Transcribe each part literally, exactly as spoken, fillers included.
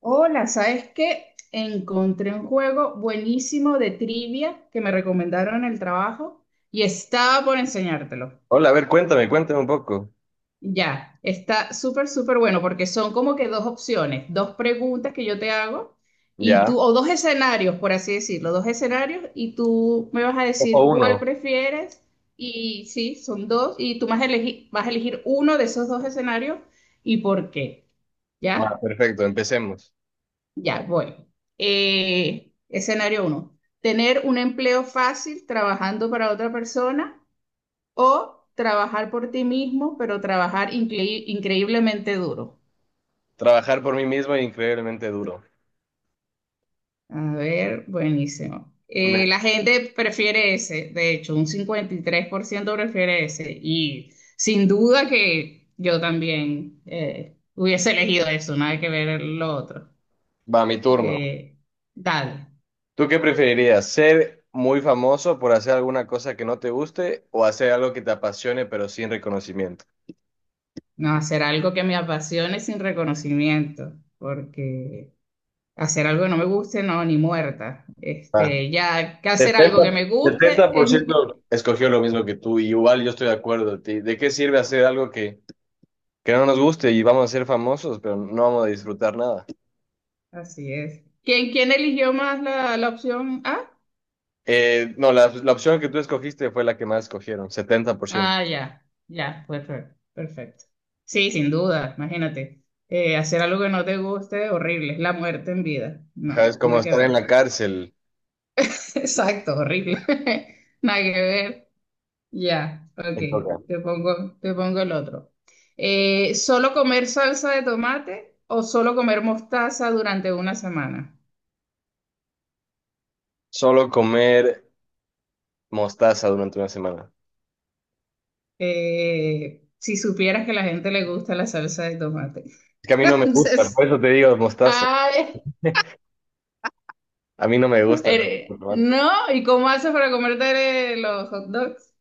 Hola, ¿sabes qué? Encontré un juego buenísimo de trivia que me recomendaron en el trabajo y estaba por enseñártelo. Hola, a ver, cuéntame, cuéntame un poco. Ya, está súper, súper bueno porque son como que dos opciones, dos preguntas que yo te hago y tú, Ya. o dos escenarios, por así decirlo, dos escenarios y tú me vas a Ojo decir cuál uno. prefieres y sí, son dos y tú vas a elegir, vas a elegir uno de esos dos escenarios y por qué, Va, ¿ya? perfecto, empecemos. Ya, voy. Eh, escenario uno. Tener un empleo fácil trabajando para otra persona o trabajar por ti mismo, pero trabajar incre- increíblemente duro. Trabajar por mí mismo es increíblemente duro. A ver, buenísimo. Me- Eh, la gente prefiere ese, de hecho, un cincuenta y tres por ciento prefiere ese. Y sin duda que yo también eh, hubiese elegido eso, nada que ver lo otro. Va, mi turno. Eh, Dale. ¿Tú qué preferirías? ¿Ser muy famoso por hacer alguna cosa que no te guste o hacer algo que te apasione pero sin reconocimiento? No, hacer algo que me apasione sin reconocimiento, porque hacer algo que no me guste, no, ni muerta. Ah, Este, ya que hacer Setenta, algo que me guste setenta por es... ciento escogió lo mismo que tú, y igual yo estoy de acuerdo. ti- ¿De qué sirve hacer algo que, que no nos guste y vamos a ser famosos, pero no vamos a disfrutar nada? Así es. ¿Quién, quién eligió más la, la opción A? Eh, no, la, la opción que tú escogiste fue la que más escogieron, setenta por ciento. Ah, ya, ya, perfecto, perfecto. Sí, sin duda, imagínate. Eh, hacer algo que no te guste, horrible, es la muerte en vida. Ajá, No, es como nada que estar en la ver. cárcel. Exacto, horrible. Nada que ver. Ya, ok, Te toca. te pongo, te pongo el otro. Eh, ¿solo comer salsa de tomate o solo comer mostaza durante una semana? Solo comer mostaza durante una semana. Eh, si supieras que a la gente le gusta la salsa de tomate. Es que a mí no me gusta, por Entonces, eso te digo mostaza. ay, A mí no me gusta el eres- tomate. no, ¿y cómo haces para comerte los hot dogs?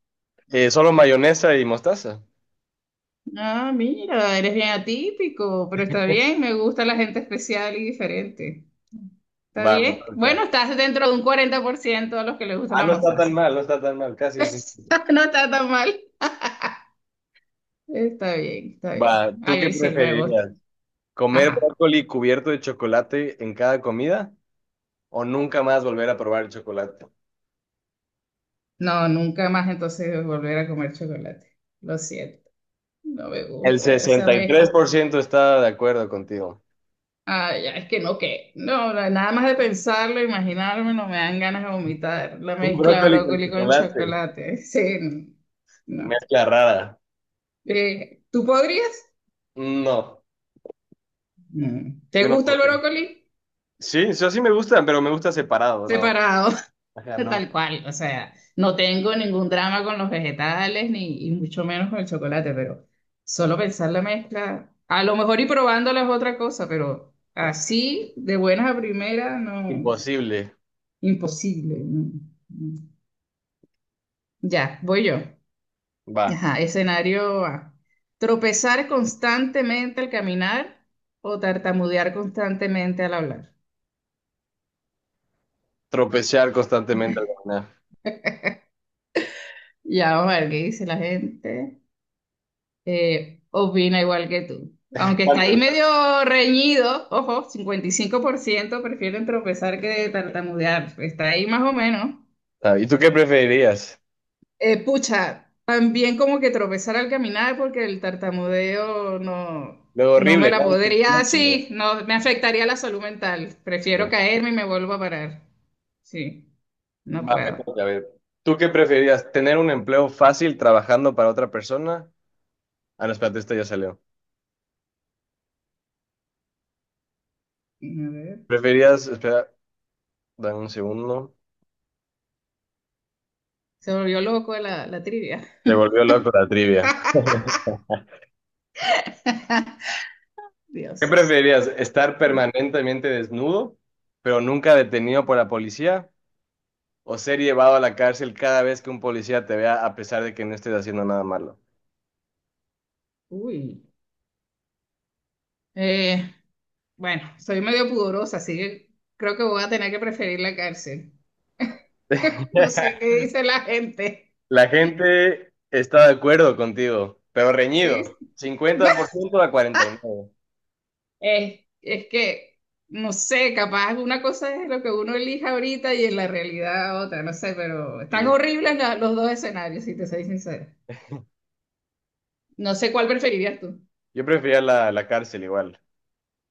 Eh, solo mayonesa y mostaza. Ah, mira, eres bien atípico, pero está bien, me gusta la gente especial y diferente. ¿Está Va, me bien? toca. Bueno, estás dentro de un cuarenta por ciento a los que les gusta Ah, la no está tan mostaza. mal, no está tan mal, casi sí. No está tan mal. Está bien, está bien. Va, A ¿tú qué mí sí, me gusta. preferirías? ¿Comer Ajá. brócoli cubierto de chocolate en cada comida o nunca más volver a probar el chocolate? No, nunca más entonces volver a comer chocolate. Lo siento. No me El gusta esa sesenta y me... tres por ciento está de acuerdo contigo. Ah, ya, es que no, que... No, la- nada más de pensarlo, imaginarme, no me dan ganas de vomitar. La Un mezcla brócoli con brócoli con chocolate. chocolate. Sí, no. No. Mezcla rara. Eh, ¿tú podrías? No, No. ¿Te yo no gusta el podría. brócoli? Sí, o sea, sí me gustan, pero me gusta separado, no. Separado. Ajá, no. Tal cual, o sea, no tengo ningún drama con los vegetales ni y mucho menos con el chocolate, pero solo pensar la mezcla, a lo mejor y probándola es otra cosa, pero así, de buenas a primeras, no, Imposible. imposible. No, no. Ya, voy yo. Va. Ajá, escenario A. Tropezar constantemente al caminar o tartamudear constantemente al hablar. Tropezar constantemente al caminar. Ya vamos a ver qué dice la gente. Eh, opina igual que tú. Aunque está ahí medio reñido, ojo, cincuenta y cinco por ciento prefieren tropezar que tartamudear. Está ahí más o menos. Ah, ¿y tú qué preferirías? Eh, pucha, también como que tropezar al caminar porque el tartamudeo no, Lo no me horrible, la nadie te podría. Ah, entiende. sí, no, me afectaría la salud mental. Sí. Prefiero caerme y me vuelvo a parar. Sí, no Va, me puedo. A toca, a ver. ¿Tú qué preferirías? ¿Tener un empleo fácil trabajando para otra persona? Ah, no, espérate, esto ya salió. ver. ¿Preferías, espera, Dame un segundo. Se volvió loco la, la trivia. Se volvió loco la trivia. ¿Qué Dios. preferirías? ¿Estar permanentemente desnudo, pero nunca detenido por la policía? ¿O ser llevado a la cárcel cada vez que un policía te vea a pesar de que no estés haciendo nada malo? Uy. Eh, Bueno, soy medio pudorosa, así que creo que voy a tener que preferir la cárcel. No sé qué dice la gente. La gente está de acuerdo contigo, pero reñido. ¿Sí? cincuenta por ciento a cuarenta y nueve por ciento. Es, es que, no sé, capaz una cosa es lo que uno elija ahorita y en la realidad otra, no sé, pero están Sí. horribles la- los dos escenarios, si te soy sincera. No sé cuál preferirías tú. Yo prefería la, la cárcel igual.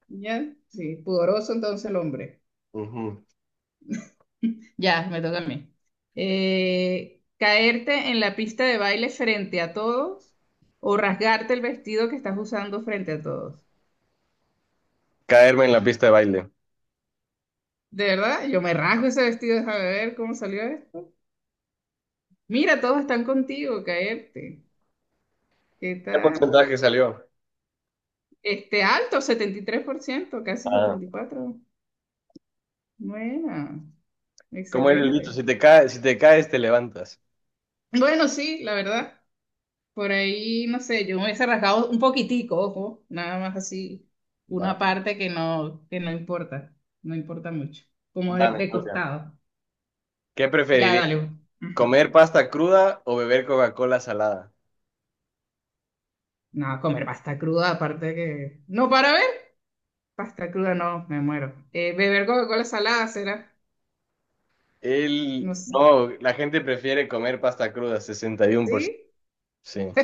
¿Ya? Sí, pudoroso entonces el hombre. Ujú. Ya, me toca a mí. Eh, ¿caerte en la pista de baile frente a todos o rasgarte el vestido que estás usando frente a todos? Caerme en la pista de baile. De verdad, yo me rasgo ese vestido, déjame ver cómo salió esto. Mira, todos están contigo, caerte. ¿Qué ¿Qué tal? porcentaje salió? Este alto, setenta y tres por ciento casi Ah. setenta y cuatro por ciento. Buena, ¿Cómo era el dicho? Si excelente. te caes, si te caes, te levantas. Bueno, sí, la verdad. Por ahí, no sé, yo me hubiese rasgado un poquitico, ojo, nada más así, Va. una parte que no, que no importa, no importa mucho, como Va, de, me de toca. costado. ¿Qué Ya, preferirías? dale. Ujú. ¿Comer pasta cruda o beber Coca-Cola salada? No, comer pasta cruda, aparte que... No, para ver, pasta cruda no, me muero. Eh, beber Coca-Cola salada será, El no sé, no, La gente prefiere comer pasta cruda, sesenta y uno por ciento. ¿sí? Sí.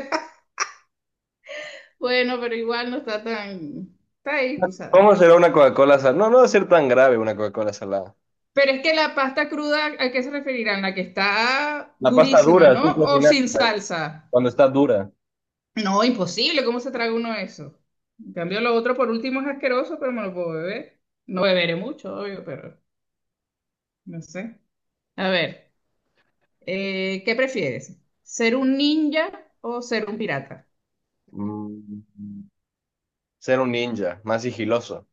Bueno, pero igual no está tan... Está ahí, tú sabes. ¿Cómo será una Coca-Cola salada? No, no va a ser tan grave una Coca-cola salada. Pero es que la pasta cruda, ¿a qué se referirán? La que está La pasta durísima, dura, sí, ¿no? al O final, sin salsa. cuando está dura. No, imposible, ¿cómo se traga uno eso? En cambio, lo otro por último es asqueroso, pero me lo puedo beber. No beberé mucho, obvio, pero no sé. A ver, eh, ¿qué prefieres? ¿Ser un ninja o ser un pirata? Mm, ser un ninja, más sigiloso.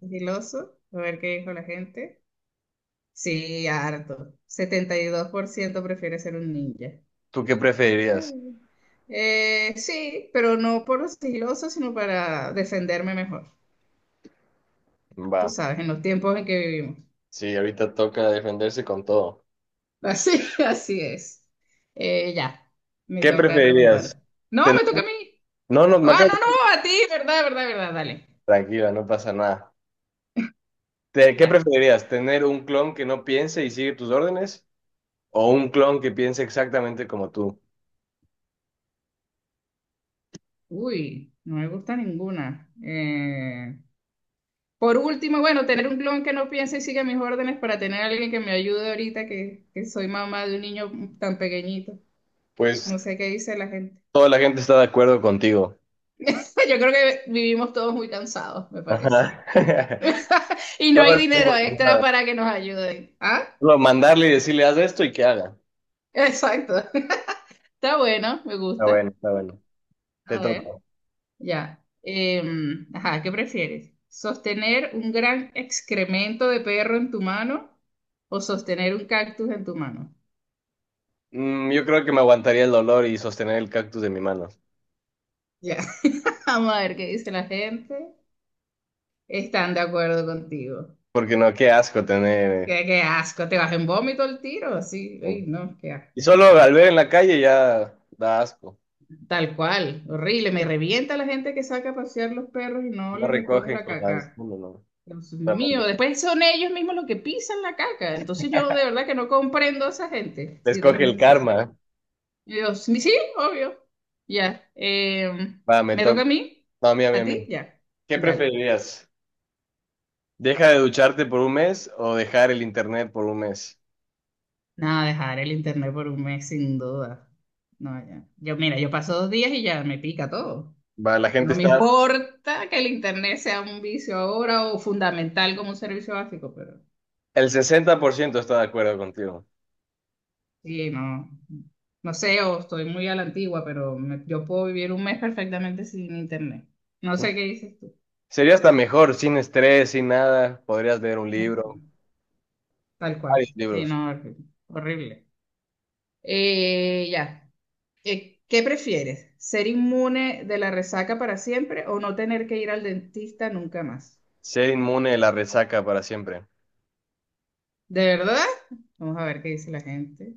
Sigiloso, a ver qué dijo la gente. Sí, harto. Setenta y dos por ciento prefiere ser un ninja. ¿Tú qué Está preferirías? bien. Eh, sí, pero no por lo sigiloso, sino para defenderme mejor. Va, Tú sabes, en los tiempos en que vivimos. sí, ahorita toca defenderse con todo. Así, así es. Eh, ya, me ¿Qué toca preferirías? preguntar. No, Ten- me toca a mí. No, no, me Ah, acabo. no, no, a ti, verdad, verdad, verdad, dale. Tranquila, no pasa nada. ¿Te- ¿Qué Ya. preferirías? ¿Tener un clon que no piense y sigue tus órdenes? ¿O un clon que piense exactamente como tú? Uy, no me gusta ninguna. Eh, por último, bueno, tener un clon que no piense y siga mis órdenes para tener a alguien que me ayude ahorita que, que soy mamá de un niño tan pequeñito. Pues No sé qué dice la gente. toda la gente está de acuerdo contigo. Yo creo que vivimos todos muy cansados, me parece. Ajá. Y no Todo hay el dinero tiempo que extra está. para que nos ayuden. Ah, Solo mandarle y decirle, haz esto y que haga. exacto. Está bueno, me Está gusta. bueno, está bueno. Te A toca. ver, ya. Em, ajá, ¿qué prefieres? ¿Sostener un gran excremento de perro en tu mano o sostener un cactus en tu mano? Mm, yo creo que me aguantaría el dolor y sostener el cactus de mi mano. Ya. Vamos a ver qué dice la gente. Están de acuerdo contigo. Porque no, qué asco tener. eh, Qué, qué asco, te vas en vómito el tiro, sí. Uy, no, qué Y asco. solo al ver en la calle ya da asco. Tal cual, horrible. Me revienta la gente que saca a pasear los perros y no No les recoge recogen la con las. caca. No, no, no, Dios mío, realmente. después son ellos mismos los que pisan la caca. Entonces yo de verdad que no comprendo a esa gente, Les si te coge soy el karma. sincera. Y yo, sí, sí, obvio. Ya. em, Va, me ¿Me toca toca. a mí? No, a mí, a mí, ¿A a mí. ti? Ya. ¿Qué Dale. preferirías? ¿Deja de ducharte por un mes o dejar el internet por un mes? Nada, dejar el internet por un mes sin duda. No, ya. Yo, mira, yo paso dos días y ya me pica todo. Va, la gente No me está, importa que el internet sea un vicio ahora o fundamental como un servicio básico, pero El sesenta por ciento está de acuerdo contigo. sí, no, no sé, o estoy muy a la antigua, pero me- yo puedo vivir un mes perfectamente sin internet. No ¿No? sé qué dices tú. Sería hasta mejor, sin estrés, sin nada. Podrías leer un libro, Así, tal cual. varios Sí, libros. no, horrible. Horrible. Eh, ya. Eh, ¿qué prefieres? ¿Ser inmune de la resaca para siempre o no tener que ir al dentista nunca más? Ser inmune de la resaca para siempre. ¿De verdad? Vamos a ver qué dice la gente.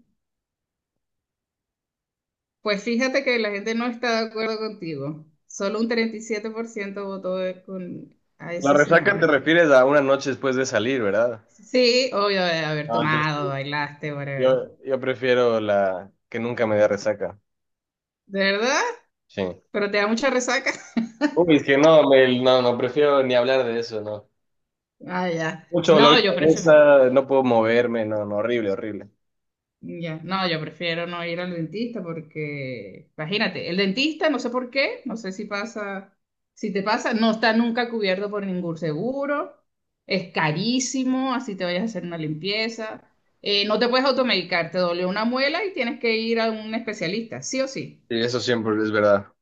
Pues fíjate que la gente no está de acuerdo contigo. Solo un treinta y siete por ciento votó de- con, a ¿La ese resaca te escenario. refieres a una noche después de salir, verdad? Sí, obvio de haber No, tomado, entonces bailaste, whatever. yo, yo prefiero la que nunca me dé resaca. ¿De verdad? Sí. ¿Pero te da mucha resaca? Uy, es que no, me- no, no prefiero ni hablar de eso, no. Ah, ya. Mucho dolor No, de yo prefiero, cabeza, no puedo moverme, no, no, horrible, horrible. ya. No, yo prefiero no ir al dentista porque, imagínate, el dentista, no sé por qué, no sé si pasa, si te pasa, no está nunca cubierto por ningún seguro, es carísimo, así te vayas a hacer una limpieza. Eh, no te puedes automedicar, te dolió una muela y tienes que ir a un especialista, sí o sí. Sí, eso siempre es verdad.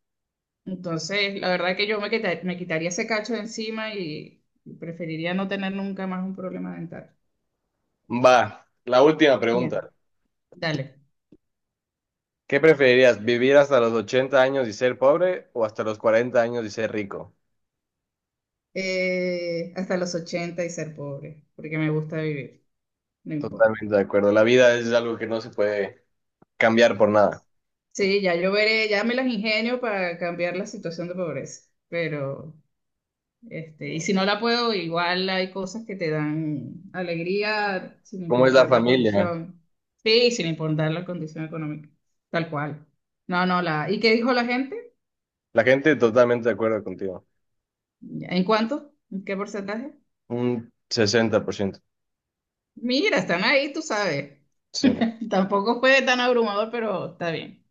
Entonces, la verdad que yo me quita- me quitaría ese cacho de encima y preferiría no tener nunca más un problema dental. Va, la última Ya, pregunta. dale. ¿Qué preferirías, vivir hasta los ochenta años y ser pobre o hasta los cuarenta años y ser rico? Eh, hasta los ochenta y ser pobre, porque me gusta vivir, no importa. Totalmente de acuerdo. La vida es algo que no se puede cambiar por nada. Sí, ya yo veré, ya me las ingenio para cambiar la situación de pobreza, pero, este, y si no la puedo, igual hay cosas que te dan alegría sin ¿Cómo es la importar la familia? condición. Sí, sin importar la condición económica, tal cual. No, no, la, ¿y qué dijo la gente? La gente totalmente de acuerdo contigo. ¿En cuánto? ¿En qué porcentaje? Un sesenta por ciento. Mira, están ahí, tú sabes. Sí. Tampoco fue tan abrumador, pero está bien.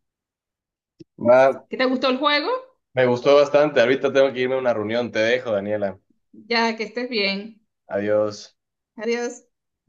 Va, ¿Qué te gustó el juego? me gustó bastante. Ahorita tengo que irme a una reunión. Te dejo, Daniela. Ya, que estés bien. Adiós. Adiós.